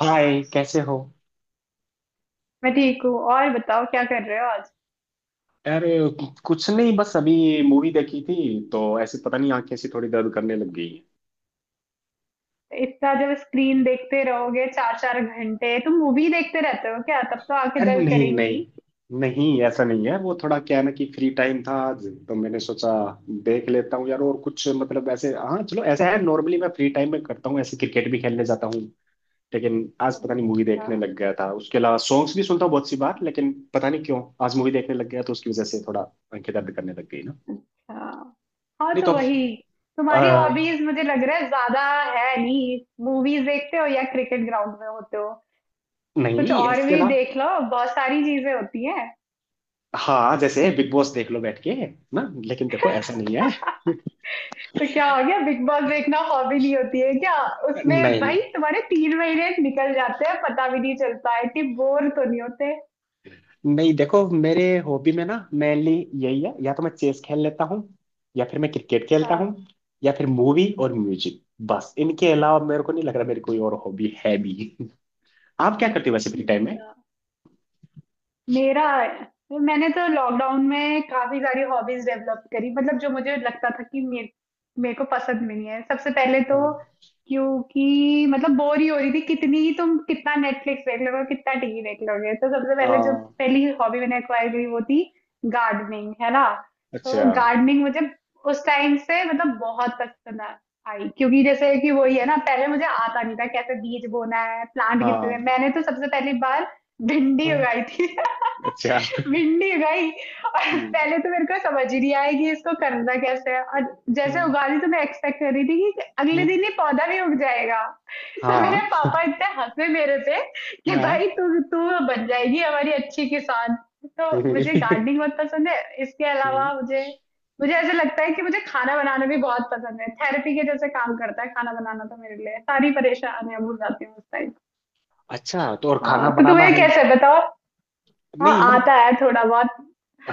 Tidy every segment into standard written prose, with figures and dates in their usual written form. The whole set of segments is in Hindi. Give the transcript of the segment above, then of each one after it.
हाय, कैसे हो। मैं ठीक हूँ। और बताओ क्या कर रहे हो आज। अरे, कुछ नहीं, बस अभी ये मूवी देखी थी। तो ऐसे पता नहीं, आंखें ऐसी थोड़ी दर्द करने लग गई हैं। इतना जब स्क्रीन देखते रहोगे चार चार घंटे, तुम मूवी देखते रहते हो क्या? तब तो आंखें अरे, दर्द नहीं करेंगी। नहीं। नहीं, ऐसा नहीं है। वो थोड़ा क्या है ना, कि फ्री टाइम था आज तो मैंने सोचा देख लेता हूँ यार। और कुछ मतलब ऐसे, हाँ चलो, ऐसा है नॉर्मली मैं फ्री टाइम में करता हूँ ऐसे, क्रिकेट भी खेलने जाता हूँ लेकिन आज पता नहीं अच्छा मूवी अच्छा। देखने लग गया था। उसके अलावा सॉन्ग्स भी सुनता हूँ बहुत सी बार, लेकिन पता नहीं क्यों आज मूवी देखने लग गया, तो उसकी वजह से थोड़ा आंखें दर्द करने लग गई ना। हाँ। हाँ नहीं तो तो। वही, तुम्हारी अ, हॉबीज मुझे लग रहा है ज्यादा है नहीं। मूवीज देखते हो या क्रिकेट ग्राउंड में होते हो। कुछ नहीं, और इसके भी अलावा। देख लो, बहुत सारी चीजें होती हैं। हाँ, जैसे बिग बॉस देख लो बैठ के। ना लेकिन देखो, ऐसा नहीं है। तो क्या हो गया, बिग बॉस देखना हॉबी नहीं होती है क्या। उसमें नहीं भाई तुम्हारे 3 महीने निकल जाते हैं, पता भी नहीं चलता है कि बोर तो नहीं होते। नहीं, देखो मेरे हॉबी में ना, मेनली यही है, या तो मैं चेस खेल लेता हूँ, या फिर मैं क्रिकेट खेलता हूँ, हाँ। या फिर मूवी और म्यूजिक। बस इनके अलावा मेरे को नहीं लग रहा मेरी कोई और हॉबी है भी। आप क्या करते हो वैसे फ्री हुँ। टाइम में? हाँ। मेरा मैंने तो लॉकडाउन में काफी सारी हॉबीज डेवलप करी। मतलब जो मुझे लगता था कि मेरे मेरे को पसंद भी नहीं है सबसे पहले तो, हाँ, क्योंकि मतलब बोर ही हो रही थी। कितनी ही तुम कितना नेटफ्लिक्स देख लोगे, कितना टीवी देख लोगे। तो सबसे पहले जो हाँ। पहली हॉबी मैंने एक्वायर करी वो थी गार्डनिंग, है ना। तो अच्छा। गार्डनिंग मुझे उस टाइम से मतलब बहुत पसंद आई, क्योंकि जैसे कि वही है ना, पहले मुझे आता नहीं था कैसे बीज बोना है, प्लांट हाँ। कितने। मैंने तो सबसे पहली बार भिंडी हम्म। उगाई थी। अच्छा। भिंडी भाई। और हम्म। पहले तो मेरे को समझ ही नहीं आया कि इसको करना कैसे है। और जैसे हम्म। उगा ली तो मैं एक्सपेक्ट कर रही थी कि अगले हम्म। दिन ही पौधा भी उग जाएगा। तो हाँ, मेरे पापा इतने हंसे मेरे पे कि हाँ। भाई तू तू बन जाएगी हमारी अच्छी किसान। तो मुझे हम्म। गार्डनिंग बहुत पसंद है। इसके अलावा मुझे मुझे ऐसा लगता है कि मुझे खाना बनाना भी बहुत पसंद है। थेरेपी के जैसे काम करता है खाना बनाना तो मेरे लिए, सारी परेशानियां भूल जाती हूँ उस टाइम। अच्छा, तो और खाना तो बनाना तुम्हें है? कैसे बताओ। हाँ नहीं मतलब। आता है थोड़ा बहुत।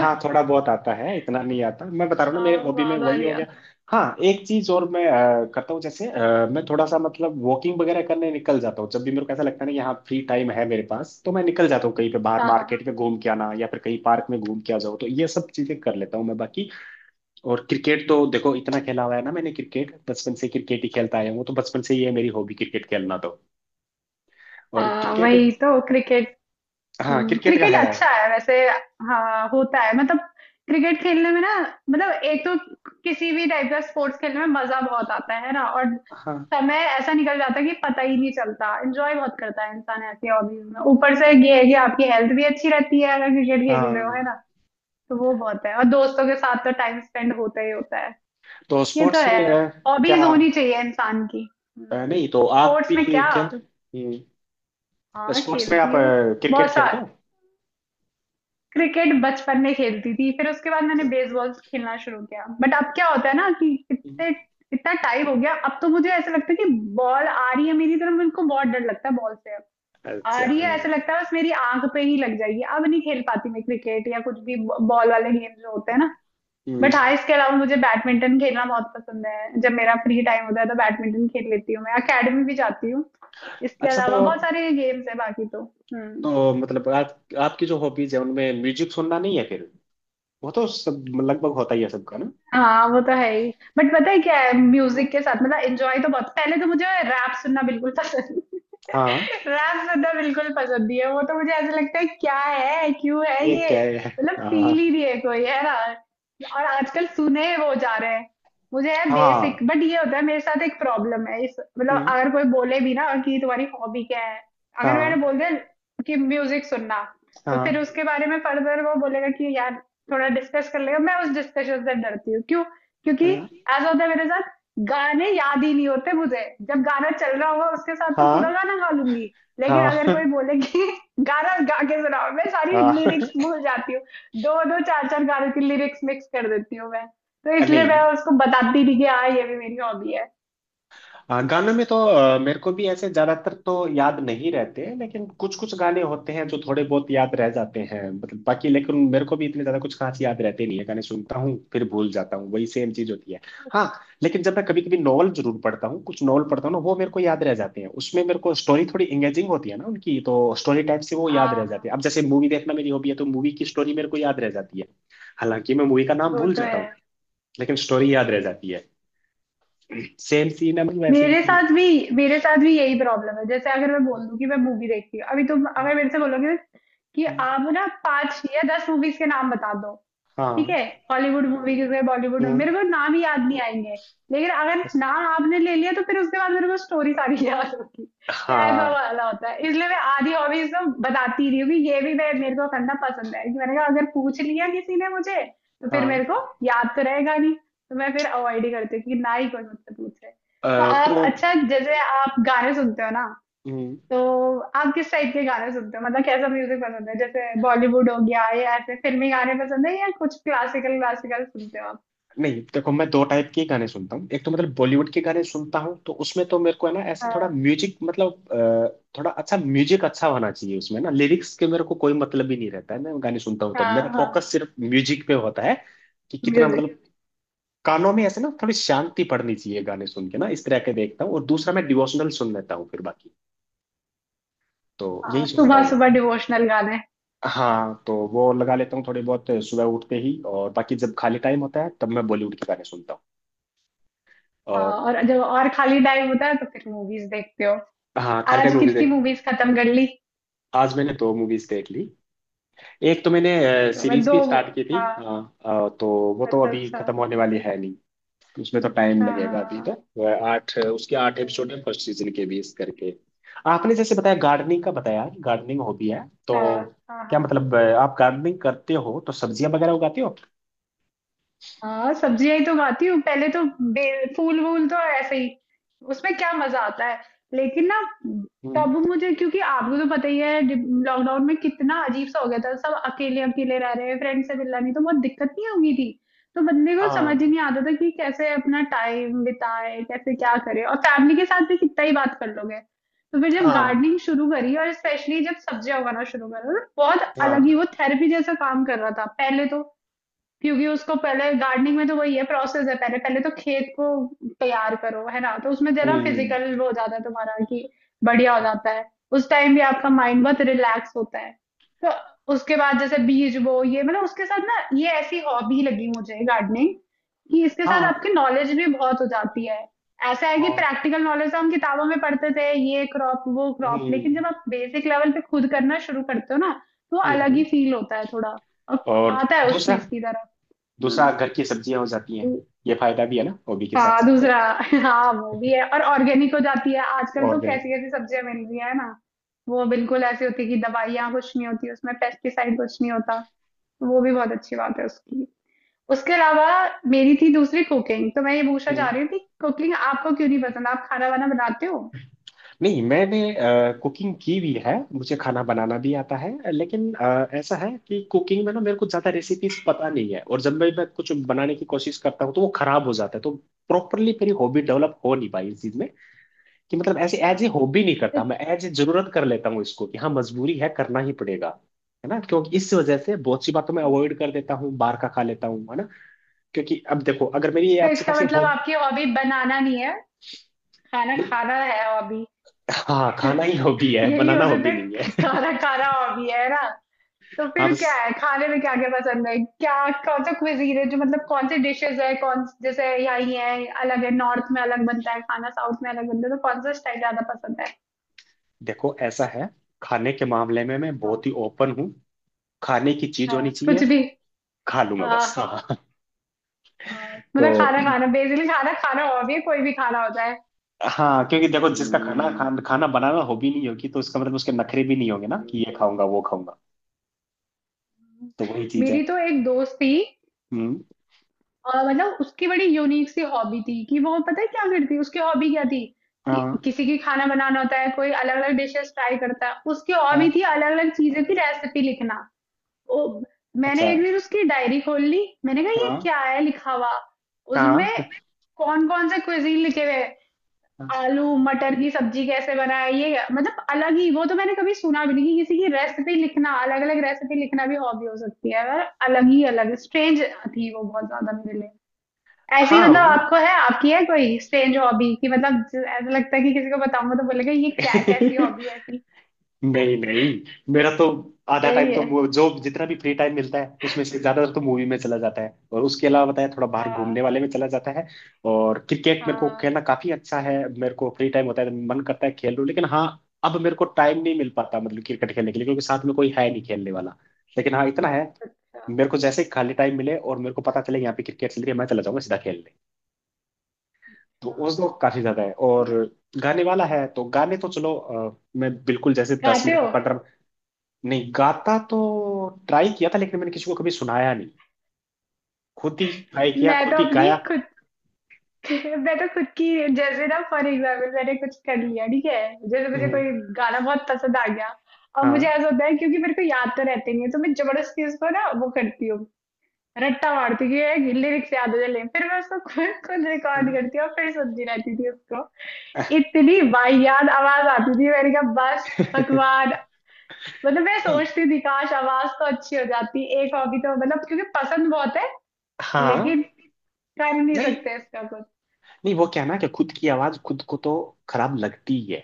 हाँ, थोड़ा बहुत आता है, इतना नहीं आता। मैं बता रहा हूँ ना, मेरे हाँ हॉबी में ज्यादा वही हो लिया गया। था। हाँ, एक चीज और मैं करता हूँ, जैसे मैं थोड़ा सा मतलब वॉकिंग वगैरह करने निकल जाता हूँ। जब भी मेरे को ऐसा लगता है ना कि हाँ फ्री टाइम है मेरे पास, तो मैं निकल जाता हूँ कहीं पे बाहर हाँ हाँ। मार्केट में घूम के आना, या फिर कहीं पार्क में घूम के आ जाओ, तो ये सब चीजें कर लेता हूँ मैं बाकी। और क्रिकेट तो देखो, इतना खेला हुआ है ना मैंने क्रिकेट, बचपन से क्रिकेट ही खेलता आया हूँ, तो बचपन से ही है मेरी हॉबी क्रिकेट खेलना तो। और हाँ क्रिकेट। वही तो क्रिकेट। हाँ, क्रिकेट का क्रिकेट है। अच्छा है वैसे। हाँ होता है मतलब, क्रिकेट खेलने में ना, मतलब एक तो किसी भी टाइप का स्पोर्ट्स खेलने में मजा बहुत आता है ना। और हाँ। समय ऐसा निकल जाता है कि पता ही नहीं चलता। एंजॉय बहुत करता है इंसान ऐसी हॉबीज में। ऊपर से ये है कि आपकी हेल्थ भी अच्छी रहती है अगर क्रिकेट खेल रहे हो, है हाँ। ना। तो वो बहुत है। और दोस्तों के साथ तो टाइम स्पेंड होता ही होता है। तो ये तो स्पोर्ट्स में है, क्या? हॉबीज होनी चाहिए इंसान की। नहीं तो आप भी स्पोर्ट्स में क्या। खेलते हो? हाँ स्पोर्ट्स में आप खेलती हूँ। बहुत क्रिकेट सा खेलते हो? क्रिकेट बचपन में खेलती थी। फिर उसके बाद मैंने बेसबॉल खेलना शुरू किया। बट अब क्या होता है ना कि इतने इतना टाइम हो गया अब, तो मुझे ऐसा लगता है कि बॉल आ रही है मेरी तरफ, मेरे को बहुत डर लगता है बॉल से अब। आ अच्छा, रही है हाँ। ऐसा लगता है बस मेरी आंख पे ही लग जाएगी। अब नहीं खेल पाती मैं क्रिकेट या कुछ भी बॉल वाले गेम जो होते हैं ना। हम्म। बट हाँ इसके अलावा मुझे बैडमिंटन खेलना बहुत पसंद है। जब मेरा फ्री टाइम होता है तो बैडमिंटन खेल लेती हूँ, मैं अकेडमी भी जाती हूँ। इसके अच्छा तो। अलावा बहुत सारे गेम्स है बाकी तो। हम्म। तो मतलब आप आपकी जो हॉबीज है उनमें म्यूजिक सुनना नहीं है फिर? वो तो सब लगभग होता ही है सबका ना। हाँ वो तो है ही। बट पता है क्या है हम्म। म्यूजिक के साथ, मतलब एंजॉय तो बहुत, पहले तो मुझे रैप सुनना बिल्कुल पसंद हाँ। रैप सुनना बिल्कुल पसंद नहीं है। वो तो मुझे ऐसा लगता है क्या है, क्यों है ये ये, क्या है? मतलब हाँ। फील ही नहीं है कोई, है ना। और आजकल सुने वो जा रहे हैं, मुझे है बेसिक। हाँ। बट ये होता है मेरे साथ एक प्रॉब्लम है इस, मतलब हम्म। अगर कोई बोले भी ना कि तुम्हारी हॉबी क्या है, अगर मैंने हाँ, बोल दिया कि म्यूजिक सुनना, तो फिर हाँ। उसके बारे में फर्दर वो बोलेगा कि यार थोड़ा डिस्कस कर लेगा। मैं उस डिस्कशन से डरती हूँ, क्यों? क्योंकि हाँ। ऐसा होता है मेरे साथ, गाने याद ही नहीं होते मुझे। जब गाना चल रहा होगा उसके साथ तो पूरा गाना गा लूंगी, लेकिन अगर हाँ। कोई बोले कि गाना गा के सुनाओ, मैं सारी हाँ, हाँ। लिरिक्स भूल जाती हूँ। दो दो चार चार गानों की लिरिक्स मिक्स कर देती हूँ मैं। तो इसलिए मैं नहीं। उसको बताती नहीं कि हाँ ये भी मेरी हॉबी है। हाँ, गानों में तो मेरे को भी ऐसे ज्यादातर तो याद नहीं रहते, लेकिन कुछ कुछ गाने होते हैं जो थोड़े बहुत याद रह जाते हैं, मतलब बाकी लेकिन मेरे को भी इतने ज्यादा कुछ खास याद रहते नहीं है, गाने सुनता हूँ फिर भूल जाता हूँ, वही सेम चीज होती है। हाँ। लेकिन जब मैं कभी कभी नॉवल जरूर पढ़ता हूँ, कुछ नॉवल पढ़ता हूँ ना, वो मेरे को याद रह जाते हैं, उसमें मेरे को स्टोरी थोड़ी एंगेजिंग होती है ना उनकी, तो स्टोरी टाइप से वो याद हाँ रह जाती है। अब हाँ, जैसे मूवी देखना मेरी हॉबी है, तो मूवी की स्टोरी मेरे को याद रह जाती है। हालांकि मैं मूवी का नाम वो भूल तो जाता है। हूँ, लेकिन स्टोरी याद रह जाती है। सेम सीन है, मतलब वैसे ही। मेरे साथ भी मेरे साथ भी यही प्रॉब्लम है। जैसे अगर मैं बोल दूं कि मैं मूवी देखती हूँ, अभी तुम अगर मेरे से बोलोगे कि कि। आप ना 5 या 10 मूवीज के नाम बता दो, ठीक हाँ। है, हॉलीवुड मूवीज है बॉलीवुड, हम्म। मेरे को नाम ही याद नहीं आएंगे। लेकिन अगर बस। नाम आपने ले लिया तो फिर उसके बाद मेरे को स्टोरी सारी याद होगी। तो ऐसा हाँ, वाला होता है, इसलिए मैं आधी हॉबीज ना बताती ही रही हूँ कि ये भी मैं मेरे को करना पसंद है। कि मैंने कहा अगर पूछ लिया किसी ने मुझे तो फिर हाँ। मेरे को याद तो रहेगा नहीं। तो मैं फिर अवॉइड ही करती हूँ कि ना ही कोई मुझसे पूछे। तो तो। आप, अच्छा जैसे आप गाने सुनते हो ना, हम्म। तो आप किस टाइप के गाने सुनते हो? मतलब कैसा म्यूजिक पसंद है, जैसे बॉलीवुड हो गया या ऐसे फिल्मी गाने पसंद है, या कुछ क्लासिकल क्लासिकल सुनते हो आप? नहीं देखो, मैं दो टाइप के गाने सुनता हूँ। एक तो मतलब बॉलीवुड के गाने सुनता हूँ, तो उसमें तो मेरे को है ना ऐसा थोड़ा हाँ। म्यूजिक, मतलब थोड़ा अच्छा म्यूजिक अच्छा होना चाहिए उसमें ना, लिरिक्स के मेरे को कोई मतलब ही नहीं रहता है, मैं गाने सुनता हूँ तो हाँ मेरा हाँ। फोकस सिर्फ म्यूजिक पे होता है, कि कितना म्यूजिक। मतलब कानों में ऐसे ना थोड़ी शांति पड़नी चाहिए गाने सुन के, ना इस तरह के देखता हूँ। और दूसरा मैं डिवोशनल सुन लेता हूँ, फिर बाकी तो यही हाँ सुनता सुबह हूँ मैं। सुबह डिवोशनल गाने। हाँ, तो वो लगा लेता हूँ थोड़े बहुत सुबह उठते ही, और बाकी जब खाली टाइम होता है तब मैं बॉलीवुड के गाने सुनता हूँ। हाँ और और जब और खाली टाइम होता है तो फिर मूवीज देखते हो। हाँ, खाली टाइम आज मूवीज कितनी देख ली। मूवीज खत्म कर ली? आज मैंने दो मूवीज देख ली। एक तो मैंने Oh my God, मैं सीरीज दो। भी स्टार्ट की थी, हाँ। हाँ। तो वो तो अच्छा अभी अच्छा। खत्म होने वाली है नहीं, उसमें तो टाइम हाँ लगेगा अभी तो। हाँ। वह आठ उसके आठ एपिसोड है फर्स्ट सीजन के, 20 करके। आपने जैसे बताया गार्डनिंग का, बताया कि गार्डनिंग हॉबी है, तो हाँ हाँ। हाँ क्या हाँ। मतलब आप गार्डनिंग करते हो तो सब्जियां वगैरह उगाते हो? हाँ सब्जियां ही तो खाती हूँ पहले तो। फूल वूल तो ऐसे ही, उसमें क्या मजा आता है। लेकिन ना, हम्म। तब मुझे, क्योंकि आपको तो पता ही है लॉकडाउन में कितना अजीब सा हो गया था। सब अकेले अकेले रह रहे हैं, फ्रेंड से मिलना नहीं, तो बहुत दिक्कत नहीं होगी थी। तो बंदे को समझ ही हाँ। नहीं आता था कि कैसे अपना टाइम बिताए, कैसे क्या करे। और फैमिली के साथ भी कितना ही बात कर लोगे। तो फिर जब हाँ। गार्डनिंग शुरू करी और स्पेशली जब सब्जियां उगाना शुरू करा, तो बहुत अलग ही, हाँ। वो थेरेपी जैसा काम कर रहा था पहले तो। क्योंकि उसको पहले गार्डनिंग में तो वही है प्रोसेस है, पहले पहले तो खेत को तैयार करो, है ना। तो उसमें जरा हम्म। फिजिकल वो हो जाता है तुम्हारा कि बढ़िया हो जाता है। उस टाइम भी आपका माइंड बहुत रिलैक्स होता है। तो उसके बाद जैसे बीज वो ये, मतलब उसके साथ ना ये ऐसी हॉबी लगी मुझे गार्डनिंग, कि इसके साथ हाँ। आपकी नॉलेज भी बहुत हो जाती है। ऐसा है कि और। प्रैक्टिकल नॉलेज, हम किताबों में पढ़ते थे ये क्रॉप वो क्रॉप, हम्म, लेकिन जब आप बेसिक लेवल पे खुद करना शुरू करते हो ना, तो हम्म, अलग ही फील होता है थोड़ा। और और आता है उस दूसरा, चीज की तरफ। दूसरा हाँ। घर की सब्जियां हो जाती हैं। दू- ये फायदा भी है ना हॉबी के हाँ, साथ साथ तो। दूसरा हाँ वो भी है। और ऑर्गेनिक हो जाती है, आजकल तो ऑर्गेनिक। कैसी कैसी सब्जियां मिल रही है ना। वो बिल्कुल ऐसी होती है कि दवाइयाँ कुछ नहीं होती उसमें, पेस्टिसाइड कुछ नहीं होता। तो वो भी बहुत अच्छी बात है उसकी। उसके अलावा मेरी थी दूसरी कुकिंग। तो मैं ये पूछना हम्म। चाह रही थी, कुकिंग आपको क्यों नहीं पसंद, आप खाना वाना बनाते हो? नहीं, मैंने कुकिंग की भी है, मुझे खाना बनाना भी आता है, लेकिन ऐसा है कि कुकिंग में ना मेरे को ज्यादा रेसिपीज पता नहीं है, और जब मैं कुछ बनाने की कोशिश करता हूँ तो वो खराब हो जाता है, तो प्रॉपरली मेरी हॉबी डेवलप हो नहीं पाई इस चीज में। कि मतलब ऐसे अच्छा। एज ए हॉबी नहीं तो करता मैं, एज ए जरूरत कर लेता हूँ इसको कि हाँ, मजबूरी है, करना ही पड़ेगा। है ना, क्योंकि इस वजह से बहुत सी बातों में अवॉइड कर देता हूँ, बाहर का खा लेता हूँ, है ना। क्योंकि अब देखो, अगर मेरी ये तो अच्छी इसका खासी मतलब हॉबी आपकी हॉबी बनाना नहीं है, खाना नहीं। खाना है हॉबी। हाँ, खाना ही हॉबी है, यही बनाना हो सकता हॉबी नहीं है है। खाना खाना हॉबी है ना। तो हाँ फिर क्या बस। है, खाने में क्या क्या पसंद है, क्या कौन सा क्विजीन है जो, मतलब कौन से डिशेस है, कौन जैसे यहाँ ये है अलग है, नॉर्थ में अलग बनता है खाना, साउथ में अलग बनता है, तो कौन सा स्टाइल ज्यादा पसंद है? देखो ऐसा है, खाने के मामले में मैं बहुत ही हाँ। ओपन हूँ। खाने की चीज हाँ होनी कुछ चाहिए, भी। खा लूंगा बस, हाँ। हाँ। हाँ मतलब तो खाना खाना, बेसिकली खाना खाना हो, भी कोई भी खाना होता है। हाँ, क्योंकि देखो, जिसका खाना बनाना हॉबी नहीं होगी, तो उसका मतलब उसके नखरे भी नहीं होंगे ना, कि ये खाऊंगा वो खाऊंगा। हम्म, तो वही चीज है। मेरी तो एक दोस्त थी, हम्म। और मतलब उसकी बड़ी यूनिक सी हॉबी थी कि वो, पता है क्या करती, उसकी हॉबी क्या थी कि हाँ, किसी की खाना बनाना होता है, कोई अलग अलग डिशेस ट्राई करता है, उसकी हॉबी हाँ। थी अलग अलग चीजों की रेसिपी लिखना। ओ, मैंने अच्छा। एक दिन उसकी डायरी खोल ली। मैंने कहा ये हाँ, क्या है लिखा हुआ उसमें, हाँ, कौन कौन से क्विजीन लिखे हुए हैं। हाँ, आलू मटर की सब्जी कैसे बनाए, ये मतलब अलग ही वो तो, मैंने कभी सुना भी नहीं कि किसी की रेसिपी लिखना, अलग अलग रेसिपी लिखना भी हॉबी हो सकती है पर। अलग ही अलग स्ट्रेंज थी वो बहुत ज्यादा मेरे लिए। ऐसी, हाँ। मतलब आपको है, आपकी है कोई स्ट्रेंज हॉबी, कि मतलब जो ऐसा लगता है कि किसी को बताऊंगा तो बोलेगा ये क्या, कैसी हॉबी है ऐसी। नहीं नहीं। मेरा तो आधा टाइम सही तो है। जो जितना भी फ्री टाइम मिलता है उसमें से ज्यादातर तो मूवी में चला जाता है, और उसके अलावा बताया थोड़ा बाहर घूमने हाँ वाले में चला जाता है। और क्रिकेट मेरे को हाँ। खेलना काफी अच्छा है, मेरे को फ्री टाइम होता है तो मन करता है खेल लूं, लेकिन हाँ अब मेरे को टाइम नहीं मिल पाता, मतलब क्रिकेट खेलने के लिए, क्योंकि साथ में कोई है नहीं खेलने वाला। लेकिन हाँ, इतना है, अच्छा। मेरे को जैसे ही खाली टाइम मिले और मेरे को पता चले यहाँ पे क्रिकेट चल रही है, मैं चला जाऊंगा सीधा खेलने। तो उस हाँ दो काफी ज्यादा है। सही और है। गाने वाला है तो गाने तो चलो, मैं बिल्कुल जैसे दस गाते मिनट हो? बटर नहीं गाता तो, ट्राई किया था लेकिन मैंने किसी को कभी सुनाया नहीं, खुद ही ट्राई किया मैं तो खुद ही अपनी गाया। खुद मैं तो खुद की, जैसे ना फॉर एग्जाम्पल मैंने कुछ कर लिया, ठीक है, जैसे मुझे हम्म। कोई गाना बहुत पसंद आ गया, और मुझे हाँ, ऐसा होता है क्योंकि मेरे को याद तो रहते नहीं है, तो मैं जबरदस्ती उसको ना वो करती हूँ, रट्टा मारती हूँ कि लिरिक्स याद हो जाए, ले फिर मैं उसको खुद खुद रिकॉर्ड हाँ। करती हूँ और फिर सुनती रहती थी उसको। इतनी वाहियात आवाज आती थी, मैंने कहा बस भगवान, मतलब मैं नहीं, सोचती थी काश आवाज तो अच्छी हो जाती, एक हॉबी तो, मतलब क्योंकि पसंद बहुत है, हाँ। लेकिन कर नहीं नहीं सकते इसका कुछ। नहीं, वो क्या है ना, कि खुद की आवाज खुद को तो खराब लगती ही है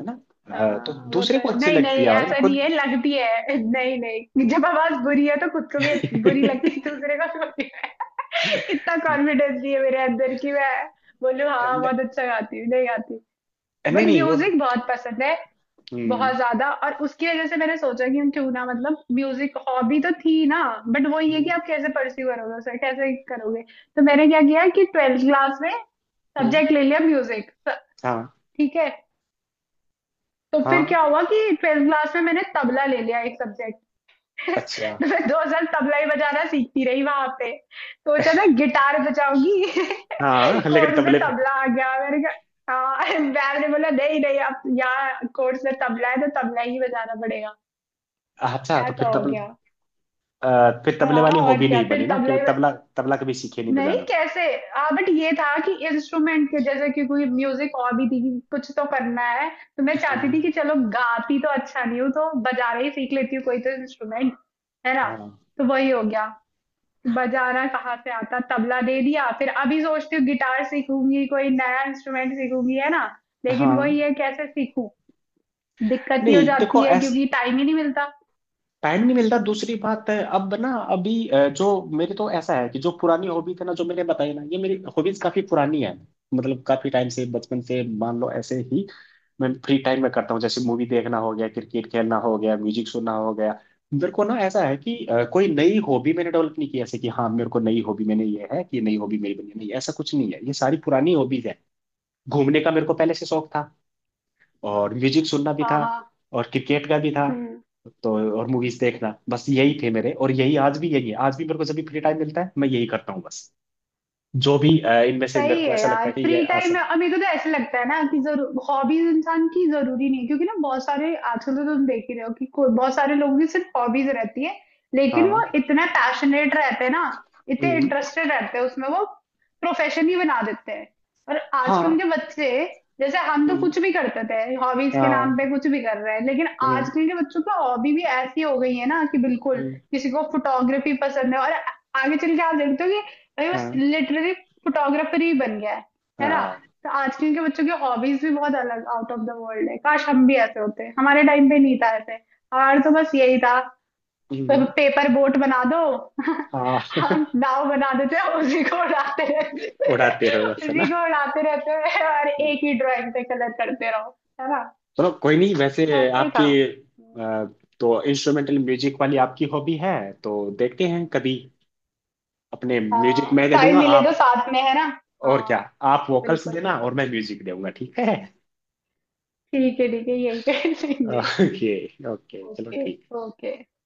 है ना। हाँ, तो हाँ वो दूसरे तो को है। अच्छी नहीं लगती नहीं है आवाज ना ऐसा नहीं खुद। है लगती है, नहीं नहीं जब आवाज बुरी है तो खुद को भी बुरी लगती है दूसरे को भी। इतना कॉन्फिडेंस नहीं है मेरे अंदर कि मैं बोलूँ हाँ नहीं बहुत अच्छा गाती हूँ, नहीं गाती। नहीं। बट नहीं, वो। म्यूजिक बहुत पसंद है, हम्म। बहुत ज्यादा। और उसकी वजह से मैंने सोचा कि हम क्यों ना, मतलब म्यूजिक हॉबी तो थी ना, बट वो ये कि हम्म। आप कैसे परस्यू करोगे उसे, कैसे करोगे। तो मैंने क्या किया कि ट्वेल्थ क्लास में हम्म। सब्जेक्ट ले लिया म्यूजिक, हाँ, ठीक है। तो फिर हाँ। क्या हुआ कि ट्वेल्थ क्लास में मैंने तबला ले लिया, एक सब्जेक्ट। अच्छा। तो मैं 2 साल तबला ही बजाना सीखती रही वहां पे। सोचा था गिटार बजाऊंगी हाँ, लेकिन कोर्स में तबले पे। तबला आ गया, मैंने कहा हाँ। मैम ने बोला नहीं नहीं, अब यहाँ कोर्स में तबला है तो तबला ही बजाना पड़ेगा। अच्छा, तो ऐसा फिर हो तबले। गया। फिर तबले हाँ वाली और हॉबी क्या, नहीं फिर बनी ना, तबला ही। क्योंकि तबला तबला कभी सीखे नहीं नहीं बजाना। कैसे, हाँ बट ये था कि इंस्ट्रूमेंट के जैसे, कि कोई म्यूजिक और भी थी, कि कुछ तो करना है। तो मैं हाँ, चाहती थी कि चलो गाती तो अच्छा नहीं हूँ, तो बजाना ही सीख लेती हूँ कोई तो इंस्ट्रूमेंट, है ना। हाँ, तो वही हो गया। बजाना कहाँ से आता, तबला दे दिया। फिर अभी सोचती हूँ गिटार सीखूंगी, कोई नया इंस्ट्रूमेंट सीखूंगी, है ना। लेकिन हाँ। वही है कैसे सीखूं, दिक्कत ही हो नहीं देखो, जाती है ऐस क्योंकि टाइम ही नहीं मिलता। टाइम नहीं मिलता दूसरी बात है, अब ना अभी जो मेरे तो ऐसा है कि जो पुरानी हॉबी थे ना, जो मैंने बताई ना, ये मेरी हॉबीज काफी पुरानी है। मतलब काफी टाइम से बचपन से, मान लो ऐसे ही मैं फ्री टाइम में करता हूँ, जैसे मूवी देखना हो गया, क्रिकेट खेलना हो गया, म्यूजिक सुनना हो गया। मेरे को ना ऐसा है कि कोई नई हॉबी मैंने डेवलप नहीं की, ऐसे कि हाँ मेरे को नई हॉबी, मैंने ये है कि नई हॉबी मेरी बनी है। नहीं, ऐसा कुछ नहीं है, ये सारी पुरानी हॉबीज है। घूमने का मेरे को पहले से शौक था, और म्यूजिक सुनना भी था, हाँ और क्रिकेट का भी था हाँ तो। और मूवीज देखना, बस यही थे मेरे, और यही आज भी यही है, आज भी मेरे को जब भी फ्री टाइम मिलता है मैं यही करता हूँ बस। जो भी इनमें से मेरे सही को है ऐसा लगता यार है कि ये फ्री टाइम आसान। में। और मेरे को तो ऐसे लगता है ना कि जरूर हॉबीज इंसान की जरूरी नहीं है, क्योंकि ना बहुत सारे आजकल तो तुम देख ही रहे हो कि कोई बहुत सारे लोगों की सिर्फ हॉबीज रहती है, लेकिन वो हाँ। इतना पैशनेट रहते हैं ना, इतने हम्म। इंटरेस्टेड रहते हैं उसमें, वो प्रोफेशन ही बना देते हैं। और हाँ। आजकल के बच्चे, जैसे हम तो हम्म। कुछ भी करते थे हॉबीज के नाम हाँ। पे, कुछ भी कर रहे हैं, लेकिन हम्म। आजकल के बच्चों की हॉबी भी ऐसी हो गई है ना कि बिल्कुल, हम्म। किसी को फोटोग्राफी पसंद है और आगे चल के आप देखते हो कि भाई बस हाँ, लिटरली फोटोग्राफर ही बन गया है ना। हाँ। तो आजकल के बच्चों की हॉबीज भी बहुत अलग, आउट ऑफ द वर्ल्ड है। काश हम भी ऐसे होते, हमारे टाइम पे नहीं था ऐसे, हमारा तो बस यही था, हम्म। पेपर बोट बना दो, हाँ। हम नाव बना देते हैं, उसी को उड़ाते रहते थे, उड़ाते रहो बस, है उसी ना। को उड़ाते रहते हैं, और हम्म। एक ही ड्राइंग पे कलर करते रहो, है ना। चलो कोई नहीं, वैसे ऐसे ही था। आपकी अ, तो इंस्ट्रूमेंटल म्यूजिक वाली आपकी हॉबी है, तो देखते हैं कभी, अपने म्यूजिक हाँ मैं दे टाइम दूंगा मिले तो आप, साथ में, है ना। और क्या, हाँ आप वोकल्स बिल्कुल। देना और मैं म्यूजिक दूंगा, ठीक है। ठीक है ठीक है, यही कर लेंगे। ओके। ओके चलो ओके। ठीक। ओके।